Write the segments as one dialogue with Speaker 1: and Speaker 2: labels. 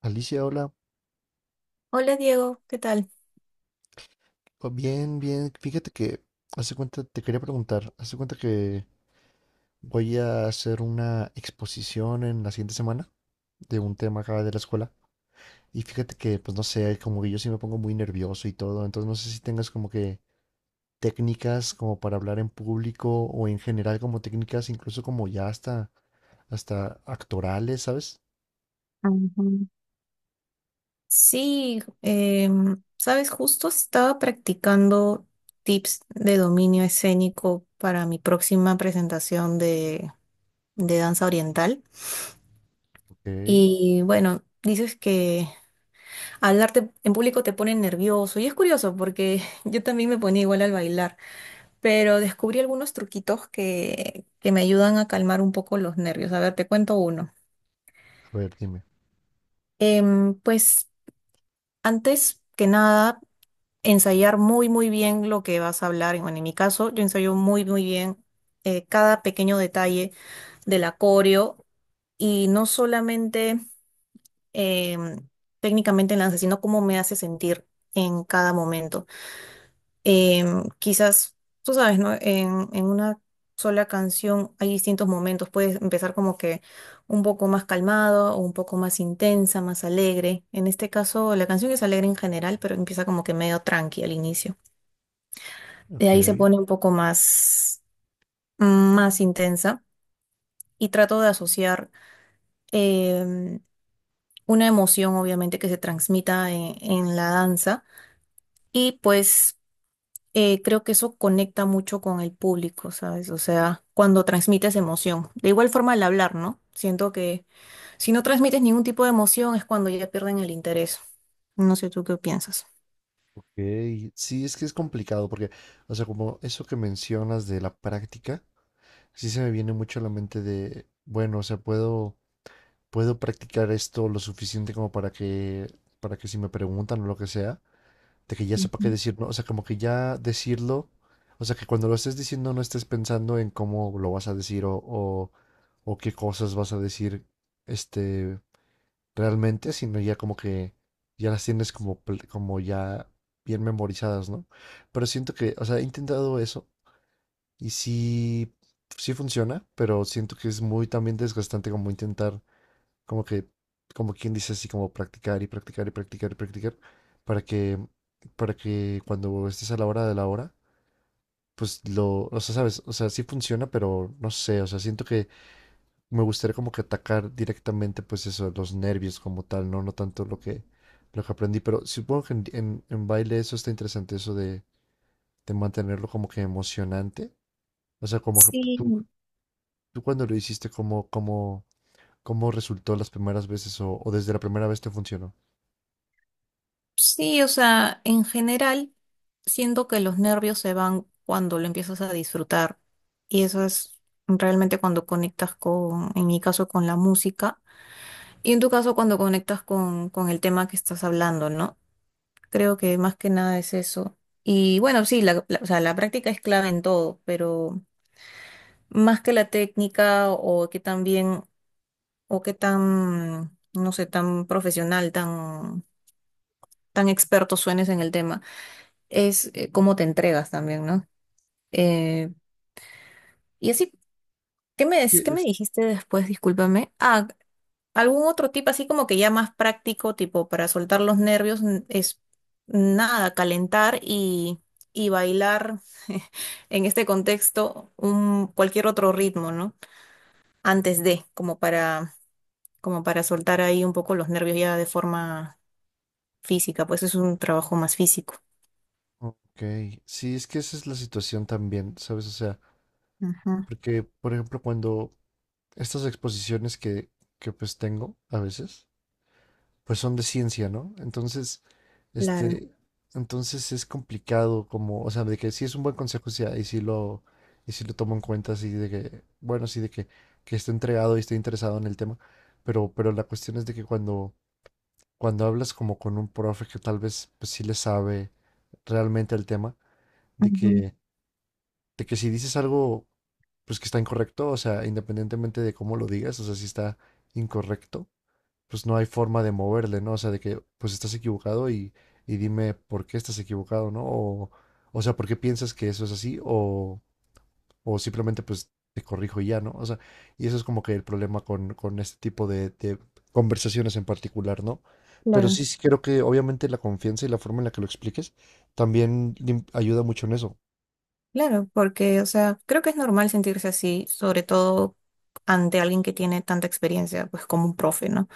Speaker 1: Alicia, hola.
Speaker 2: Hola Diego, ¿qué tal?
Speaker 1: Oh, bien, bien. Fíjate que hace cuenta, te quería preguntar, hace cuenta que voy a hacer una exposición en la siguiente semana de un tema acá de la escuela. Y fíjate que, pues no sé, como que yo sí me pongo muy nervioso y todo. Entonces no sé si tengas como que técnicas como para hablar en público o en general como técnicas, incluso como ya hasta, actorales, ¿sabes?
Speaker 2: Ujú. Sí, sabes, justo estaba practicando tips de dominio escénico para mi próxima presentación de danza oriental.
Speaker 1: Ok.
Speaker 2: Y bueno, dices que hablarte en público te pone nervioso y es curioso porque yo también me ponía igual al bailar, pero descubrí algunos truquitos que me ayudan a calmar un poco los nervios. A ver, te cuento uno.
Speaker 1: A ver, dime.
Speaker 2: Pues antes que nada ensayar muy, muy bien lo que vas a hablar. Bueno, en mi caso, yo ensayo muy, muy bien cada pequeño detalle del acorio y no solamente em, técnicamente en danza, sino cómo me hace sentir en cada momento. Quizás, tú sabes, ¿no? En una sola canción hay distintos momentos. Puedes empezar como que un poco más calmado o un poco más intensa, más alegre. En este caso, la canción es alegre en general, pero empieza como que medio tranqui al inicio. De ahí se
Speaker 1: Ok,
Speaker 2: pone un poco más intensa y trato de asociar em, una emoción, obviamente, que se transmita en la danza y pues creo que eso conecta mucho con el público, ¿sabes? O sea, cuando transmites emoción. De igual forma el hablar, ¿no? Siento que si no transmites ningún tipo de emoción es cuando ya pierden el interés. No sé tú qué piensas.
Speaker 1: ok. Sí, es que es complicado porque, o sea, como eso que mencionas de la práctica. Sí se me viene mucho a la mente de, bueno, o sea, puedo, practicar esto lo suficiente como para que si me preguntan o lo que sea, de que ya sepa qué decir, ¿no? O sea, como que ya decirlo, o sea, que cuando lo estés diciendo no estés pensando en cómo lo vas a decir o qué cosas vas a decir, este, realmente, sino ya como que ya las tienes como, como ya bien memorizadas, ¿no? Pero siento que, o sea, he intentado eso y sí, sí funciona, pero siento que es muy también desgastante como intentar, como que, como quien dice así, como practicar y practicar y practicar y practicar, para que, para que, cuando estés a la hora de la hora, pues lo, o sea, sabes, o sea, sí funciona, pero no sé, o sea, siento que me gustaría como que atacar directamente, pues eso, los nervios como tal, no, no tanto lo que, aprendí, pero supongo que en baile eso está interesante, eso de mantenerlo como que emocionante. O sea,
Speaker 2: Sí,
Speaker 1: ¿tú cuando lo hiciste, cómo, resultó las primeras veces o desde la primera vez te funcionó?
Speaker 2: sí, o sea, en general, siento que los nervios se van cuando lo empiezas a disfrutar. Y eso es realmente cuando conectas con, en mi caso, con la música. Y en tu caso, cuando conectas con el tema que estás hablando, ¿no? Creo que más que nada es eso. Y bueno, sí, o sea, la práctica es clave en todo, pero más que la técnica o que tan bien, o que tan, no sé, tan profesional, tan, tan experto suenes en el tema es cómo te entregas también, ¿no? Eh, y así, ¿qué me,
Speaker 1: Es que
Speaker 2: qué me
Speaker 1: es-
Speaker 2: dijiste después? Discúlpame. Ah, algún otro tip así como que ya más práctico, tipo para soltar los nervios, es nada, calentar y bailar en este contexto cualquier otro ritmo, ¿no? Como para, como para soltar ahí un poco los nervios ya de forma física, pues es un trabajo más físico.
Speaker 1: Ok, sí, es que esa es la situación también, ¿sabes? O sea,
Speaker 2: Ajá,
Speaker 1: porque, por ejemplo, cuando estas exposiciones que pues tengo a veces, pues son de ciencia, ¿no? Entonces,
Speaker 2: claro.
Speaker 1: este, entonces es complicado como, o sea, de que sí es un buen consejo, sí, y sí lo, tomo en cuenta, así de que, bueno, sí, de que esté entregado y esté interesado en el tema, pero, la cuestión es de que cuando hablas como con un profe que tal vez pues, sí le sabe realmente el tema, de
Speaker 2: Ujú,
Speaker 1: que, de que si dices algo pues que está incorrecto, o sea, independientemente de cómo lo digas, o sea, si está incorrecto, pues no hay forma de moverle, ¿no? O sea, de que pues estás equivocado y, dime por qué estás equivocado, ¿no? O sea, ¿por qué piensas que eso es así? O simplemente pues te corrijo y ya, ¿no? O sea, y eso es como que el problema con, este tipo de conversaciones en particular, ¿no? Pero
Speaker 2: claro.
Speaker 1: sí, sí creo que obviamente la confianza y la forma en la que lo expliques también ayuda mucho en eso.
Speaker 2: Claro, porque, o sea, creo que es normal sentirse así, sobre todo ante alguien que tiene tanta experiencia, pues como un profe, ¿no?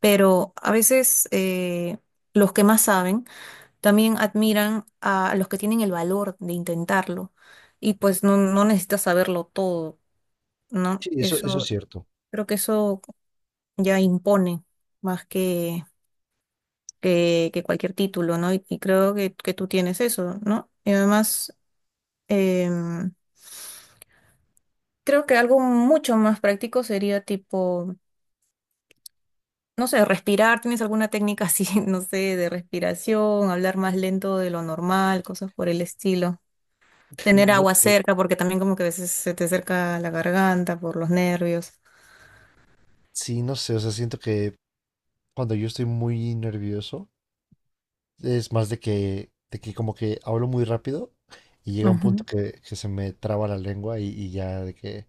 Speaker 2: Pero a veces los que más saben también admiran a los que tienen el valor de intentarlo y pues no, no necesitas saberlo todo, ¿no?
Speaker 1: Sí, eso es
Speaker 2: Eso,
Speaker 1: cierto.
Speaker 2: creo que eso ya impone más que cualquier título, ¿no? Y creo que tú tienes eso, ¿no? Y además em, creo que algo mucho más práctico sería tipo, no sé, respirar. ¿Tienes alguna técnica así, no sé, de respiración, hablar más lento de lo normal, cosas por el estilo? Tener
Speaker 1: No
Speaker 2: agua
Speaker 1: sé.
Speaker 2: cerca, porque también como que a veces se te acerca la garganta por los nervios.
Speaker 1: Sí, no sé, o sea, siento que cuando yo estoy muy nervioso, es más de que, como que hablo muy rápido y llega un
Speaker 2: Ujú,
Speaker 1: punto que, se me traba la lengua y ya de que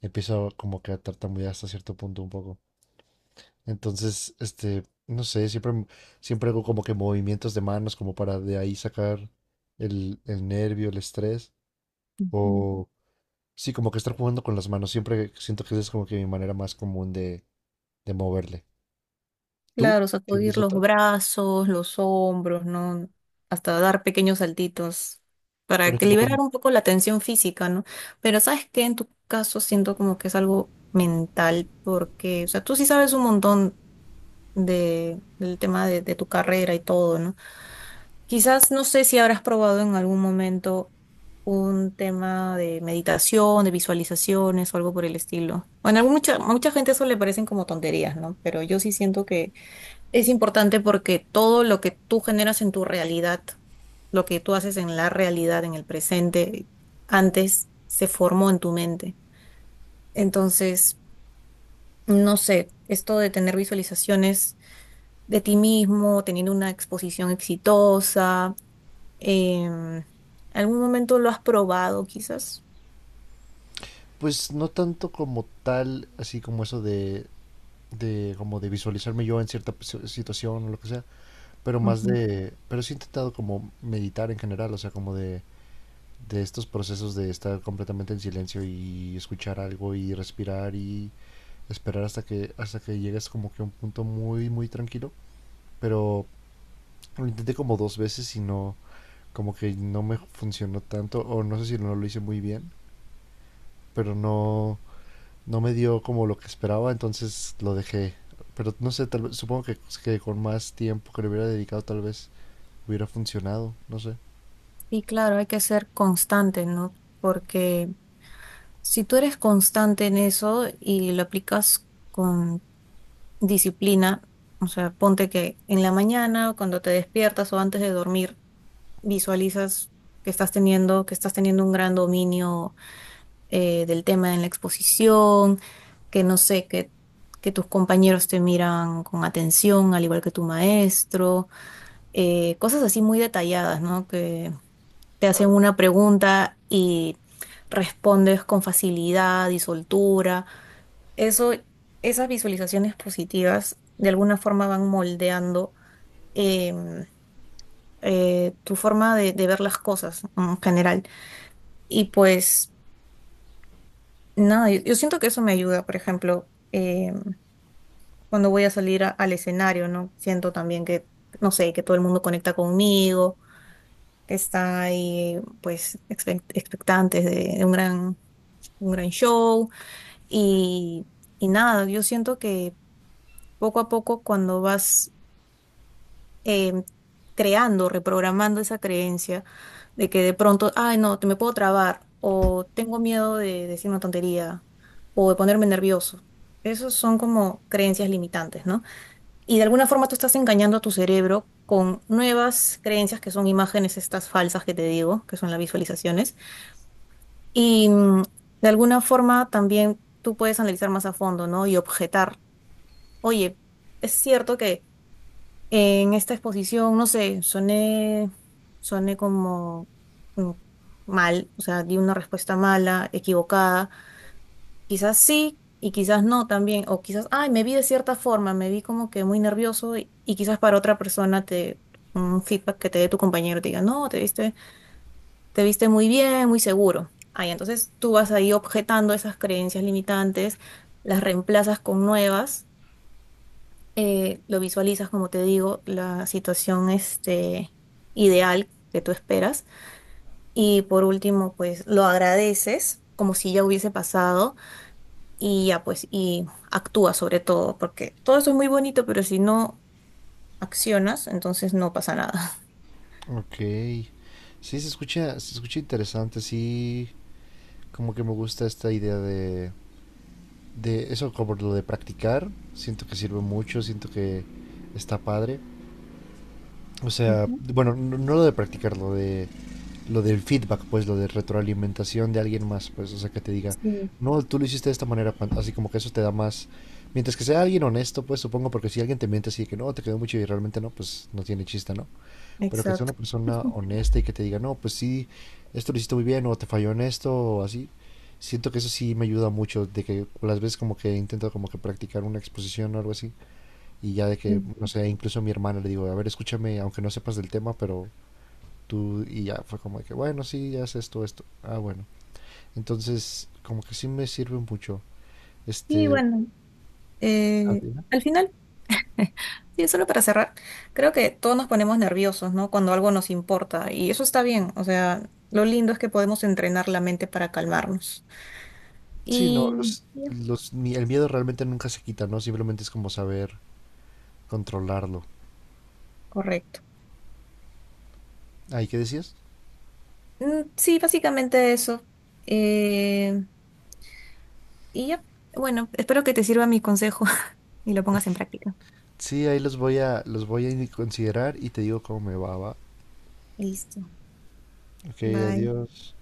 Speaker 1: empiezo como que a tartamudear hasta cierto punto un poco. Entonces, no sé, siempre hago como que movimientos de manos como para de ahí sacar el, nervio, el estrés.
Speaker 2: ujú.
Speaker 1: O sí, como que estar jugando con las manos. Siempre siento que esa es como que mi manera más común de, moverle. ¿Tú
Speaker 2: Claro, sacudir
Speaker 1: tienes
Speaker 2: los
Speaker 1: otra?
Speaker 2: brazos, los hombros, ¿no? Hasta dar pequeños saltitos
Speaker 1: Por
Speaker 2: para que
Speaker 1: ejemplo,
Speaker 2: liberar un poco la tensión física, ¿no? Pero sabes que en tu caso siento como que es algo mental, porque, o sea, tú sí sabes un montón del tema de tu carrera y todo, ¿no? Quizás no sé si habrás probado en algún momento un tema de meditación, de visualizaciones o algo por el estilo. Bueno, a mucha, mucha gente eso le parecen como tonterías, ¿no? Pero yo sí siento que es importante porque todo lo que tú generas en tu realidad, lo que tú haces en la realidad, en el presente, antes se formó en tu mente. Entonces, no sé, esto de tener visualizaciones de ti mismo, teniendo una exposición exitosa, em, ¿algún momento lo has probado quizás?
Speaker 1: pues no tanto como tal, así como eso de como de visualizarme yo en cierta situación o lo que sea,
Speaker 2: Ujú.
Speaker 1: pero sí he intentado como meditar en general, o sea, como de estos procesos de estar completamente en silencio y escuchar algo y respirar y esperar hasta que llegues como que a un punto muy muy tranquilo, pero lo intenté como dos veces y no, como que no me funcionó tanto o no sé si no lo hice muy bien, pero no me dio como lo que esperaba, entonces lo dejé. Pero no sé, tal vez supongo que con más tiempo que le hubiera dedicado tal vez hubiera funcionado, no sé.
Speaker 2: Sí, claro, hay que ser constante, ¿no? Porque si tú eres constante en eso y lo aplicas con disciplina, o sea, ponte que en la mañana, cuando te despiertas o antes de dormir, visualizas que estás teniendo un gran dominio del tema en la exposición, que no sé, que tus compañeros te miran con atención, al igual que tu maestro, cosas así muy detalladas, ¿no? Que te hacen una pregunta y respondes con facilidad y soltura. Eso, esas visualizaciones positivas de alguna forma van moldeando em, tu forma de ver las cosas, ¿no? En general. Y pues nada, yo siento que eso me ayuda, por ejemplo, cuando voy a salir al escenario, ¿no? Siento también que, no sé, que todo el mundo conecta conmigo, que está ahí pues expectantes de un gran show. Y, y nada, yo siento que poco a poco cuando vas em, creando, reprogramando esa creencia de que de pronto, ay, no, te me puedo trabar, o tengo miedo de decir una tontería, o de ponerme nervioso. Esos son como creencias limitantes, ¿no? Y de alguna forma tú estás engañando a tu cerebro con nuevas creencias que son imágenes estas falsas que te digo, que son las visualizaciones. Y mm, de alguna forma también tú puedes analizar más a fondo, ¿no? Y objetar, oye, es cierto que en esta exposición, no sé, soné como mm, mal, o sea, di una respuesta mala, equivocada. Quizás sí y quizás no también, o quizás, ay, me vi de cierta forma, me vi como que muy nervioso y quizás para otra persona un feedback que te dé tu compañero te diga, no, te viste muy bien, muy seguro. Ay, entonces tú vas ahí objetando esas creencias limitantes, las reemplazas con nuevas lo visualizas, como te digo, la situación este, ideal que tú esperas. Y por último, pues lo agradeces como si ya hubiese pasado y ya pues y actúa sobre todo, porque todo eso es muy bonito, pero si no accionas, entonces no pasa nada.
Speaker 1: Ok, sí, se escucha interesante. Sí, como que me gusta esta idea de eso, como lo de practicar. Siento que sirve mucho, siento que está padre. O sea,
Speaker 2: Ujú.
Speaker 1: bueno, no, no lo de practicar, lo del feedback, pues lo de retroalimentación de alguien más, pues, o sea, que te diga,
Speaker 2: Sí,
Speaker 1: no, tú lo hiciste de esta manera, así como que eso te da más, mientras que sea alguien honesto, pues supongo, porque si alguien te miente así de que no, te quedó mucho y realmente no, pues no tiene chiste, ¿no? Pero que sea una
Speaker 2: exacto.
Speaker 1: persona honesta y que te diga, no, pues sí, esto lo hiciste muy bien o te falló en esto o así. Siento que eso sí me ayuda mucho, de que las veces como que intento como que practicar una exposición o algo así, y ya de que, no sé, incluso a mi hermana le digo, a ver, escúchame, aunque no sepas del tema, pero tú, y ya fue como de que, bueno, sí, ya es esto, esto, ah, bueno. Entonces, como que sí me sirve mucho.
Speaker 2: Y
Speaker 1: Este,
Speaker 2: bueno, eh,
Speaker 1: ¿Adriana?
Speaker 2: al final sí, solo para cerrar, creo que todos nos ponemos nerviosos, ¿no? Cuando algo nos importa y eso está bien, o sea, lo lindo es que podemos entrenar la mente para calmarnos.
Speaker 1: Sí, no,
Speaker 2: Y ya,
Speaker 1: los, ni- el miedo realmente nunca se quita, ¿no? Simplemente es como saber controlarlo.
Speaker 2: correcto.
Speaker 1: Ah, ¿y qué decías?
Speaker 2: Sí, básicamente eso. Eh, y ya, bueno, espero que te sirva mi consejo y lo pongas en práctica.
Speaker 1: Sí, ahí los voy a, considerar y te digo cómo me va, va.
Speaker 2: Listo.
Speaker 1: Ok,
Speaker 2: Bye.
Speaker 1: adiós.